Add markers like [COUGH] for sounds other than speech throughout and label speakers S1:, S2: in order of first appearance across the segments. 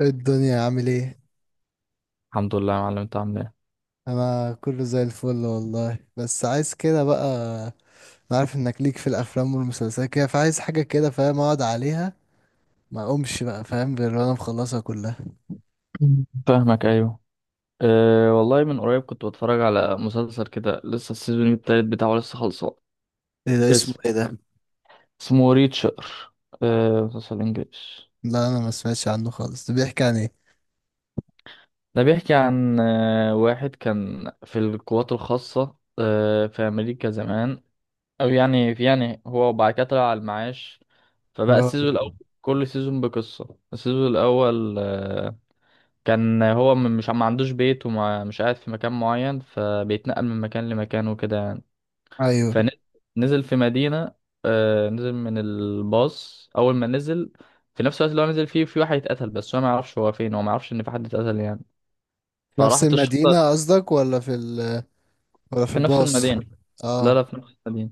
S1: إيه الدنيا عامل ايه؟
S2: الحمد لله يا معلم، انت عامل ايه؟
S1: انا كله زي الفل والله، بس عايز كده بقى. انا عارف انك ليك في الافلام والمسلسلات كده، فعايز حاجه كده فاهم اقعد عليها، ما اقومش بقى فاهم غير وانا مخلصها كلها.
S2: مم. فاهمك، ايوه. أه والله، من قريب كنت بتفرج على مسلسل كده، لسه السيزون التالت بتاعه لسه خلصان.
S1: ايه ده؟ اسمه
S2: اسم
S1: ايه ده؟
S2: اسمه ريتشر. أه، مسلسل انجليش.
S1: لا انا ما سمعتش عنه خالص، ده بيحكي عن ايه؟
S2: ده بيحكي عن واحد كان في القوات الخاصة في امريكا زمان، او يعني في يعني، هو وبعد كده طلع على المعاش. فبقى
S1: اه،
S2: السيزون الاول، كل سيزون بقصة. السيزون الاول كان هو مش، ما عندوش بيت ومش قاعد في مكان معين، فبيتنقل من مكان لمكان وكده يعني.
S1: ايوه.
S2: فنزل في مدينة. نزل من الباص، أول ما نزل في نفس الوقت اللي هو نزل فيه، في واحد اتقتل، بس هو ما يعرفش هو فين، هو ما يعرفش إن في حد اتقتل يعني.
S1: نفس
S2: فراحت الشرطة.
S1: المدينه قصدك ولا في
S2: في نفس
S1: الباص؟
S2: المدينة. لا
S1: اه.
S2: لا، في نفس المدينة.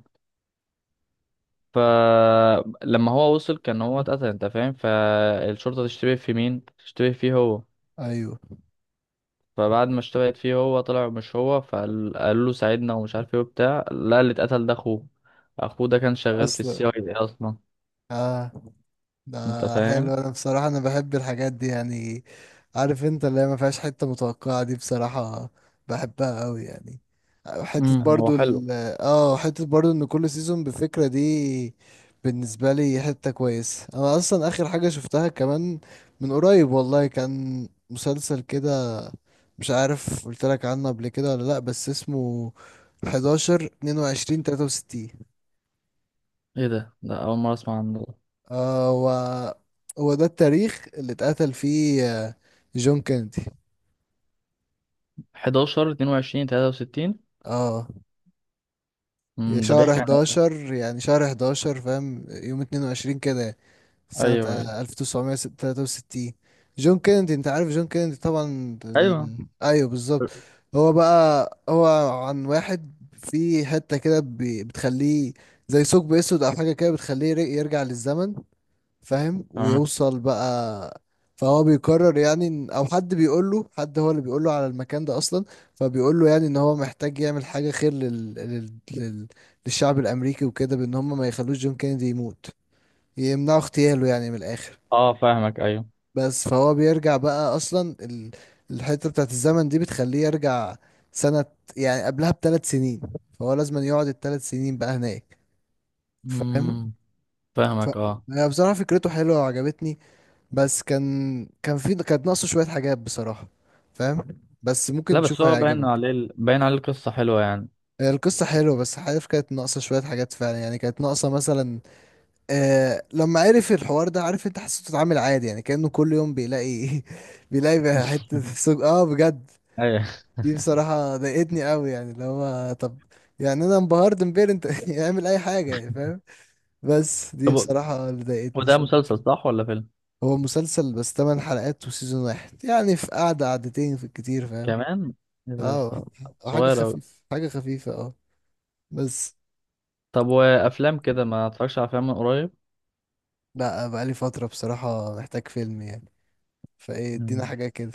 S2: فلما هو وصل، كان هو اتقتل، انت فاهم. فالشرطة تشتبه في مين؟ تشتبه فيه هو.
S1: ايوه.
S2: فبعد ما اشتبهت فيه، هو طلع مش هو، فقال، قال له ساعدنا ومش عارف ايه وبتاع، لا، اللي اتقتل ده اخوه. اخوه ده كان شغال في السي
S1: اصلا.
S2: اي دي اصلا.
S1: اه. ده
S2: انت فاهم.
S1: حلو، انا بصراحة انا بحب الحاجات دي يعني. عارف انت اللي هي ما فيهاش حتة متوقعة دي بصراحة، بحبها قوي يعني. حتة
S2: هو
S1: برضو
S2: حلو.
S1: ال اه، حتة برضو ان كل سيزون بفكرة دي، بالنسبة لي حتة كويسة. انا اصلا اخر حاجة شفتها كمان من قريب والله، كان مسلسل كده، مش عارف قلت لك عنه قبل كده ولا لا، بس اسمه 11 22 63.
S2: ايه ده؟ ده اول مره اسمع عنه ده.
S1: آه و... هو ده التاريخ اللي اتقتل فيه جون كينيدي.
S2: 11 22 63.
S1: اه،
S2: ده
S1: شهر
S2: بيحكي عن إيه؟
S1: 11 يعني، شهر 11 فاهم، يوم 22 كده، سنة
S2: ايوه، ايوه،
S1: 1963. جون كينيدي، انت عارف جون كينيدي طبعا
S2: ايوه.
S1: ايوه، بالظبط. هو بقى عن واحد في حتة كده بتخليه زي ثقب اسود او حاجة كده، بتخليه يرجع للزمن فاهم،
S2: تمام.
S1: ويوصل بقى. فهو بيقرر يعني او حد بيقول له، حد هو اللي بيقول له على المكان ده اصلا، فبيقول له يعني ان هو محتاج يعمل حاجه خير للشعب الامريكي وكده، بان هم ما يخلوش جون كينيدي يموت، يمنعوا اغتياله يعني من الاخر.
S2: اه، فاهمك، ايوه.
S1: بس فهو بيرجع بقى اصلا الحته بتاعت الزمن دي بتخليه يرجع سنه، يعني قبلها بثلاث سنين، فهو لازم يقعد الثلاث سنين بقى هناك فاهم.
S2: امم،
S1: ف...
S2: فاهمك، اه.
S1: هي بصراحه فكرته حلوه وعجبتني، بس كانت ناقصه شوية حاجات بصراحة فاهم، بس ممكن
S2: لا بس
S1: تشوفها
S2: هو باين
S1: هيعجبك.
S2: عليه باين عليه القصه حلوه يعني.
S1: القصة حلوة، بس عارف كانت ناقصة شوية حاجات فعلا، يعني كانت ناقصة مثلا، آه لما عرف الحوار ده عارف انت، حسيته اتعامل عادي يعني، كأنه كل يوم بيلاقي [LAUGHS] بيلاقي بقى حتة
S2: [LAUGHS]
S1: سوق اه بجد.
S2: ايوه.
S1: دي بصراحة ضايقتني قوي يعني، اللي هو طب، يعني انا انبهرت امبارح انت [LAUGHS] يعمل اي حاجة يعني فاهم. بس دي
S2: طب،
S1: بصراحة اللي ضايقتني
S2: وده
S1: شوية.
S2: مسلسل صح ولا فيلم؟
S1: هو مسلسل بس 8 حلقات وسيزون واحد، يعني في قعدة قعدتين في الكتير فاهم.
S2: كمان، ايه ده؟
S1: اه. أو حاجة
S2: صغير اوي.
S1: خفيفة، حاجة خفيفة اه. بس.
S2: طب، وافلام كده ما اتفرجش على افلام من قريب.
S1: لا بقالي فترة بصراحة، محتاج فيلم يعني، فايه ادينا
S2: مم.
S1: حاجة كده.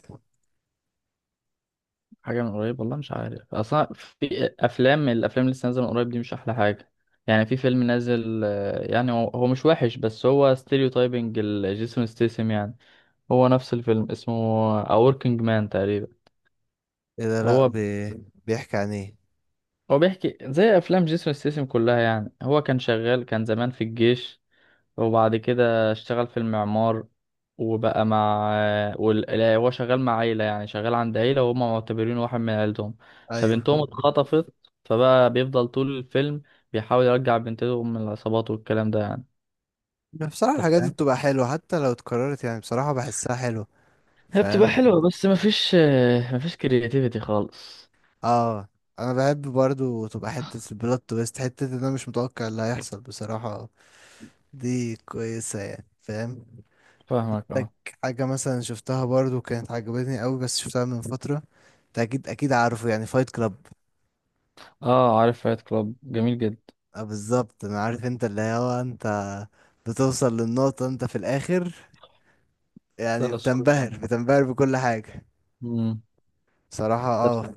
S2: حاجه من قريب والله، مش عارف اصلا في افلام، الافلام اللي لسه نازله من قريب دي مش احلى حاجه. يعني في فيلم نازل، يعني هو مش وحش، بس هو ستيريو تايبنج، جيسون ستيسم يعني. هو نفس الفيلم اسمه A Working Man تقريبا.
S1: ايه ده؟ لا
S2: هو
S1: بي... بيحكي عن ايه؟
S2: هو بيحكي زي افلام جيسون ستيسم كلها يعني. هو كان شغال، كان زمان في الجيش، وبعد كده اشتغل في المعمار. وبقى مع لا، هو شغال مع عيلة، يعني شغال عند عيلة وهم معتبرينه واحد من عيلتهم.
S1: ايوه.
S2: فبنتهم اتخطفت، فبقى بيفضل طول الفيلم بيحاول يرجع بنتهم من العصابات والكلام ده يعني.
S1: بصراحة
S2: انت
S1: الحاجات دي
S2: فاهم.
S1: بتبقى حلوة حتى لو اتكررت، يعني بصراحة بحسها حلوة
S2: هي بتبقى حلوة،
S1: فاهم.
S2: بس مفيش كرياتيفيتي خالص.
S1: اه، انا بحب برضو تبقى حتة البلوت تويست، حتة ان انا مش متوقع اللي هيحصل بصراحة، دي كويسة يعني فاهم.
S2: فاهمك،
S1: لك
S2: اه.
S1: حاجة مثلا شفتها برضو كانت عجبتني قوي، بس شفتها من فترة. انت اكيد اكيد عارفه، يعني فايت كلاب.
S2: اه، عارف فايت كلاب، جميل جدا.
S1: اه، بالظبط، انا عارف انت اللي هو انت بتوصل للنقطة انت في الاخر،
S2: ده
S1: يعني
S2: لا، صور جامد.
S1: بتنبهر، بتنبهر بكل حاجة.
S2: امم.
S1: صراحة اه.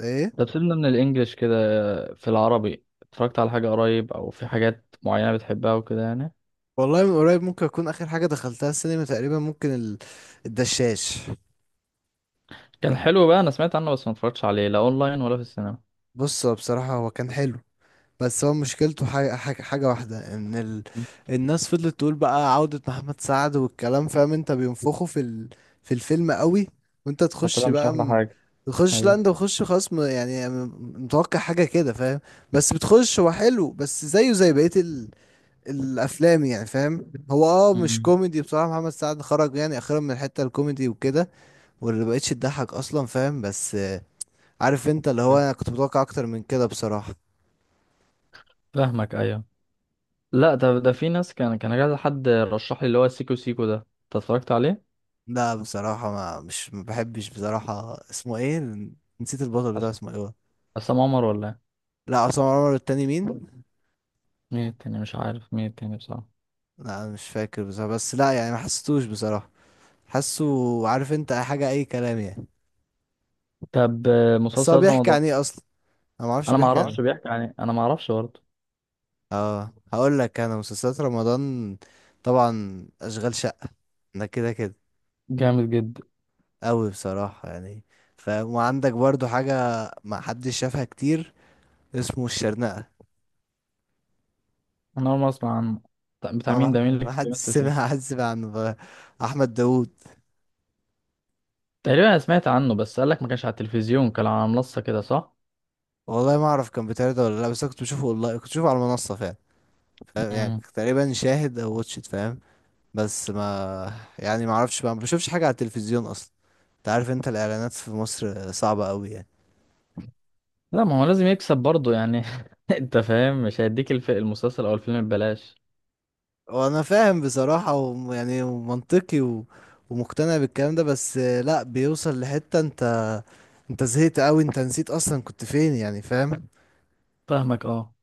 S1: ايه
S2: طب، سيبنا من الانجليش كده. في العربي اتفرجت على حاجة قريب، او في حاجات معينة بتحبها وكده يعني؟
S1: والله من قريب، ممكن اكون اخر حاجة دخلتها السينما تقريبا، ممكن الدشاش.
S2: كان حلو بقى، انا سمعت عنه بس ما اتفرجتش عليه، لا اونلاين ولا في السينما.
S1: بص هو بصراحة هو كان حلو، بس هو مشكلته حاجة واحدة ان
S2: مم.
S1: الناس فضلت تقول بقى عودة محمد سعد والكلام، فاهم انت بينفخوا في في الفيلم قوي، وانت تخش
S2: فطلع مش
S1: بقى
S2: احلى حاجة.
S1: تخش، لا
S2: ايوه،
S1: انت بتخش خلاص متوقع حاجة كده فاهم. بس بتخش، هو حلو بس زيه زي بقية الافلام يعني فاهم. هو اه مش
S2: امم،
S1: كوميدي بصراحة، محمد سعد خرج يعني اخيرا من الحتة الكوميدي وكده، واللي مبقتش تضحك اصلا فاهم، بس عارف انت اللي هو انا كنت متوقع اكتر من كده بصراحة.
S2: فاهمك، ايوه. لا ده ده في ناس، كان كذا حد رشح لي اللي هو سيكو سيكو ده، انت اتفرجت عليه؟
S1: لا بصراحة ما بحبش بصراحة، اسمه ايه؟ نسيت البطل بتاعه
S2: أس-
S1: اسمه ايه هو.
S2: عصام عمر ولا إيه؟
S1: لا عصام عمر التاني مين؟
S2: مين التاني؟ مش عارف مين التاني بصراحة.
S1: لا أنا مش فاكر بصراحة، بس لا يعني ما حسيتوش بصراحة. حاسه. عارف انت أي حاجة اي كلام يعني.
S2: طب،
S1: بس هو
S2: مسلسلات
S1: بيحكي
S2: رمضان.
S1: عن ايه اصلا؟ انا ما اعرفش
S2: انا ما
S1: بيحكي عن
S2: اعرفش
S1: ايه.
S2: بيحكي عن ايه، انا ما اعرفش برضه.
S1: اه هقول لك، انا مسلسلات رمضان طبعا اشغال شقة ده كده كده،
S2: جامد جدا.
S1: قوي بصراحة يعني فاهم. وعندك برضو حاجة ما حدش شافها كتير، اسمه الشرنقة.
S2: انا اول مرة اسمع عنه. طب، بتاع مين ده؟ مين اللي
S1: ما حد
S2: بيمثل فيه؟
S1: سمع حد سمع عنه بقى. احمد داوود.
S2: تقريبا انا سمعت عنه، بس قالك ما كانش على التلفزيون، كان على منصة كده، صح.
S1: والله ما اعرف كان بيتعرض ولا لا، بس أنا كنت بشوفه، والله كنت بشوفه على المنصه فعلا فاهم؟ يعني
S2: مم.
S1: كنت تقريبا شاهد او واتشت فاهم. بس ما، يعني ما اعرفش بقى، ما بشوفش حاجه على التلفزيون اصلا، انت عارف انت الاعلانات في مصر صعبه قوي يعني.
S2: لا، ما هو لازم يكسب برضه يعني. [LAUGHS] انت فاهم، مش هيديك المسلسل او الفيلم ببلاش.
S1: وانا فاهم بصراحه، ويعني منطقي ومقتنع بالكلام ده، بس لا بيوصل لحته انت، انت زهقت قوي، انت نسيت اصلا كنت فين يعني فاهم.
S2: فاهمك، اه.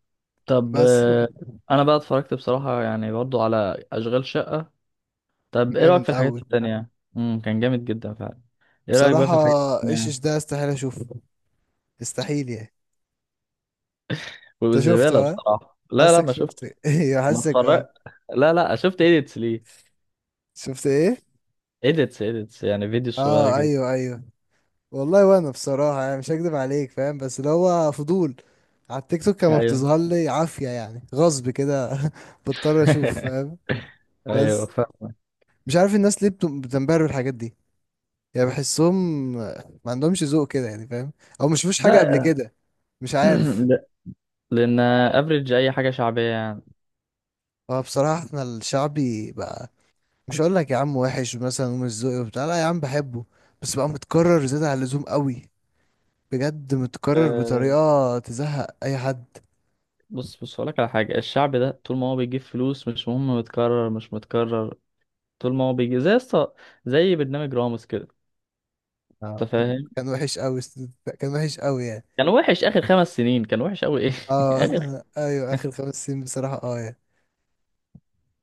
S2: طب،
S1: بس.
S2: انا بقى اتفرجت بصراحة يعني برضه على اشغال شقة. طب، ايه رأيك
S1: جامد
S2: في الحاجات
S1: قوي
S2: التانية؟ كان جامد جدا فعلا. ايه رأيك بقى
S1: بصراحة.
S2: في الحاجات
S1: ايش
S2: التانية؟
S1: ايش ده؟ استحيل اشوفه، استحيل يعني. انت شفته
S2: والزبالة
S1: ها،
S2: بصراحة، لا لا،
S1: حاسك
S2: ما شفت.
S1: شفته [LAUGHS] ايوه
S2: ما
S1: حاسك اه.
S2: اتفرجت. لا لا، شفت ايديتس ليه.
S1: شفت ايه؟
S2: ايديتس، ايديتس يعني فيديو صغيرة
S1: اه
S2: كده.
S1: ايوه، ايوه. والله وانا بصراحة يعني مش هكدب عليك فاهم، بس اللي هو فضول، على التيك توك كان
S2: ايوه.
S1: بتظهر لي عافية يعني، غصب كده [LAUGHS] بضطر اشوف فاهم.
S2: [LAUGHS] ايوه،
S1: بس،
S2: فاهم.
S1: مش عارف الناس ليه بتنبهر بالحاجات دي يعني، بحسهم ما عندهمش ذوق كده يعني فاهم، او مش شافوش حاجة قبل
S2: لا.
S1: كده، مش
S2: [CLEARS THROAT]
S1: عارف.
S2: لا، لان افريج اي حاجه شعبيه يعني.
S1: هو بصراحة احنا الشعبي بقى، مش هقول لك يا عم وحش مثلا ومش ذوقي وبتاع، لا يا عم بحبه، بس بقى متكرر زيادة عن اللزوم قوي، بجد متكرر
S2: أه،
S1: بطريقة تزهق اي حد.
S2: بص بص هقولك على حاجه، الشعب ده طول ما هو بيجيب فلوس مش مهم متكرر مش متكرر، طول ما هو بيجي زي زي برنامج راموس كده.
S1: آه.
S2: انت فاهم.
S1: كان وحش قوي، كان وحش قوي يعني.
S2: كان وحش اخر 5 سنين، كان وحش قوي ايه. [LAUGHS]
S1: اه
S2: اخر
S1: [LAUGHS] ايوه اخر خمس سنين بصراحة اه يعني.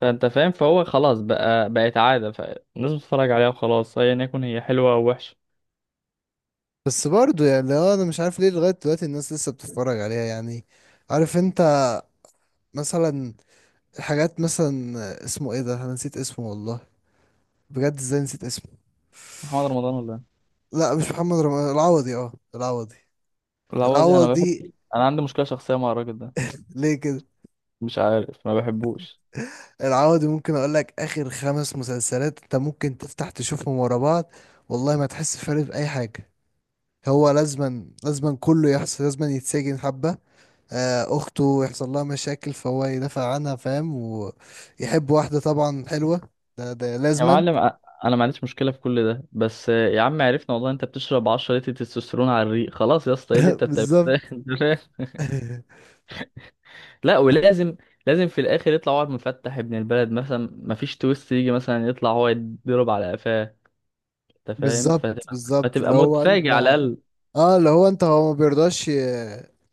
S2: فانت فاهم، فهو خلاص بقى بقت عاده، فالناس بتتفرج عليها وخلاص، ايا يكن هي حلوه او وحشه.
S1: بس برضه، يعني لو انا مش عارف ليه لغاية دلوقتي الناس لسه بتتفرج عليها يعني، عارف انت، مثلا الحاجات مثلا اسمه ايه ده، انا نسيت اسمه والله، بجد ازاي نسيت اسمه.
S2: محمد رمضان ولا إيه؟
S1: لا مش محمد رمضان، العوضي، اه العوضي.
S2: لا والله، انا بحب.
S1: العوضي.
S2: انا عندي مشكله شخصيه مع الراجل ده.
S1: ليه كده؟
S2: مش عارف، ما بحبوش.
S1: العوضي ممكن اقول لك اخر خمس مسلسلات انت ممكن تفتح تشوفهم ورا بعض، والله ما تحس فرق في اي حاجه. هو لازما كله يحصل، لازما يتسجن حبه اخته يحصل لها مشاكل فهو يدافع عنها فاهم، ويحب واحده طبعا حلوه، ده ده
S2: يا
S1: لازما.
S2: معلم، انا ما عنديش مشكله في كل ده، بس يا عم عرفنا والله، انت بتشرب 10 لتر تستوستيرون على الريق. خلاص يا اسطى، ايه اللي
S1: [LAUGHS]
S2: انت بتعمله ده؟ [LAUGHS]
S1: بالظبط.
S2: أنت فاهم؟
S1: [LAUGHS]
S2: لا، ولازم لازم في الاخر يطلع واحد مفتح ابن البلد مثلا، ما فيش تويست، يجي مثلا يطلع هو يتضرب على قفاه. انت فاهم،
S1: بالظبط،
S2: فتبقى
S1: بالظبط اللي
S2: فتبقى
S1: هو انت،
S2: متفاجئ على الاقل.
S1: اه اللي هو انت هو ما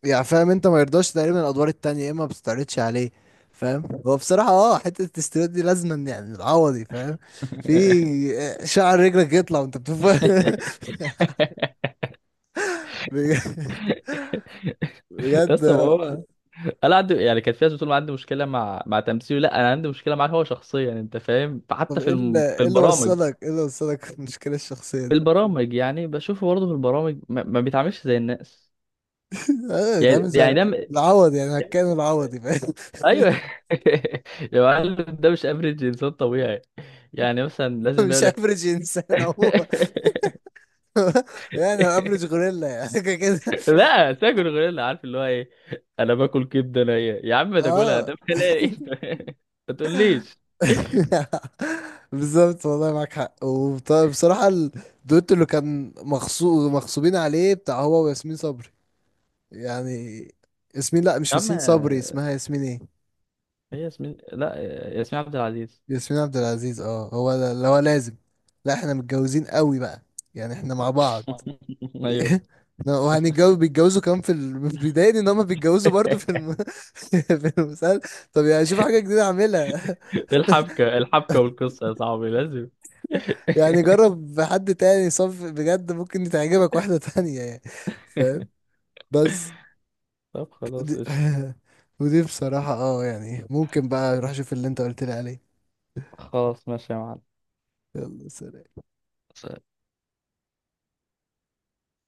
S1: يعني فاهم انت ما يرضاش تقريبا الادوار التانية، يا اما ما بتستعرضش عليه فاهم. هو بصراحة اه حتة التستيرات دي لازما يعني العوضي فاهم. في
S2: [LAUGHS]
S1: شعر رجلك يطلع وانت بتفهم [LAUGHS] بجد.
S2: يا
S1: بجد.
S2: اسطى، ما
S1: آه.
S2: هو انا عندي يعني، كانت في ناس بتقول ما عندي مشكله مع تمثيله، لا انا عندي مشكله معاه هو شخصيا. انت فاهم، حتى
S1: طب ايه اللي
S2: في البرامج.
S1: وصلك ايه اللي وصلك في المشكلة الشخصية
S2: في
S1: دي؟
S2: البرامج يعني بشوفه برضه في البرامج ما بيتعاملش زي الناس.
S1: [LAUGHS] اه
S2: يعني
S1: بيتعامل
S2: يعني
S1: زي العوض يعني، هكان العوضي فاهم.
S2: ايوه. [LAUGHS] يا معلم، ده مش افريج انسان طبيعي. يعني مثلا
S1: [LAUGHS]
S2: لازم
S1: مش
S2: يقول لك.
S1: افرج انسان هو.
S2: [LAUGHS]
S1: [LAUGHS] يعني افرج غوريلا يعني [LAUGHS] كده.
S2: لا، تاكل غوريلا عارف اللي هو ايه. انا باكل كبده نيه يا عم، ما تاكلها
S1: اه
S2: ده بلاقي. [LAUGHS] ما تقوليش.
S1: [LAUGHS] بالظبط، والله معاك حق. وبصراحة الدويتو اللي كان مغصوبين عليه بتاع هو وياسمين صبري يعني، ياسمين لا مش
S2: يا عم،
S1: ياسمين صبري، اسمها ياسمين ايه؟
S2: هي ياسمين، لا، ياسمين عبد العزيز.
S1: ياسمين عبد العزيز، اه هو ده اللي هو لازم، لا احنا متجوزين قوي بقى، يعني احنا مع بعض [LAUGHS]
S2: [LAUGHS] ايوه.
S1: وهنتجوز، بيتجوزوا كمان في [LAUGHS] بيضايقني ان هم بيتجوزوا برضه في [LAUGHS] في المسلسل، طب يعني شوف حاجة جديدة اعملها [LAUGHS]
S2: [LAUGHS] الحبكه، الحبكه والقصه يا صاحبي لازم.
S1: يعني جرب حد تاني صف بجد، ممكن تعجبك واحدة تانية يعني فاهم. بس
S2: [LAUGHS] طب، خلاص،
S1: دي،
S2: قشطة.
S1: [LAUGHS] ودي بصراحة اه يعني، ممكن بقى روح شوف اللي انت قلت لي عليه.
S2: خلاص، ماشي يا
S1: يلا سلام.
S2: معلم.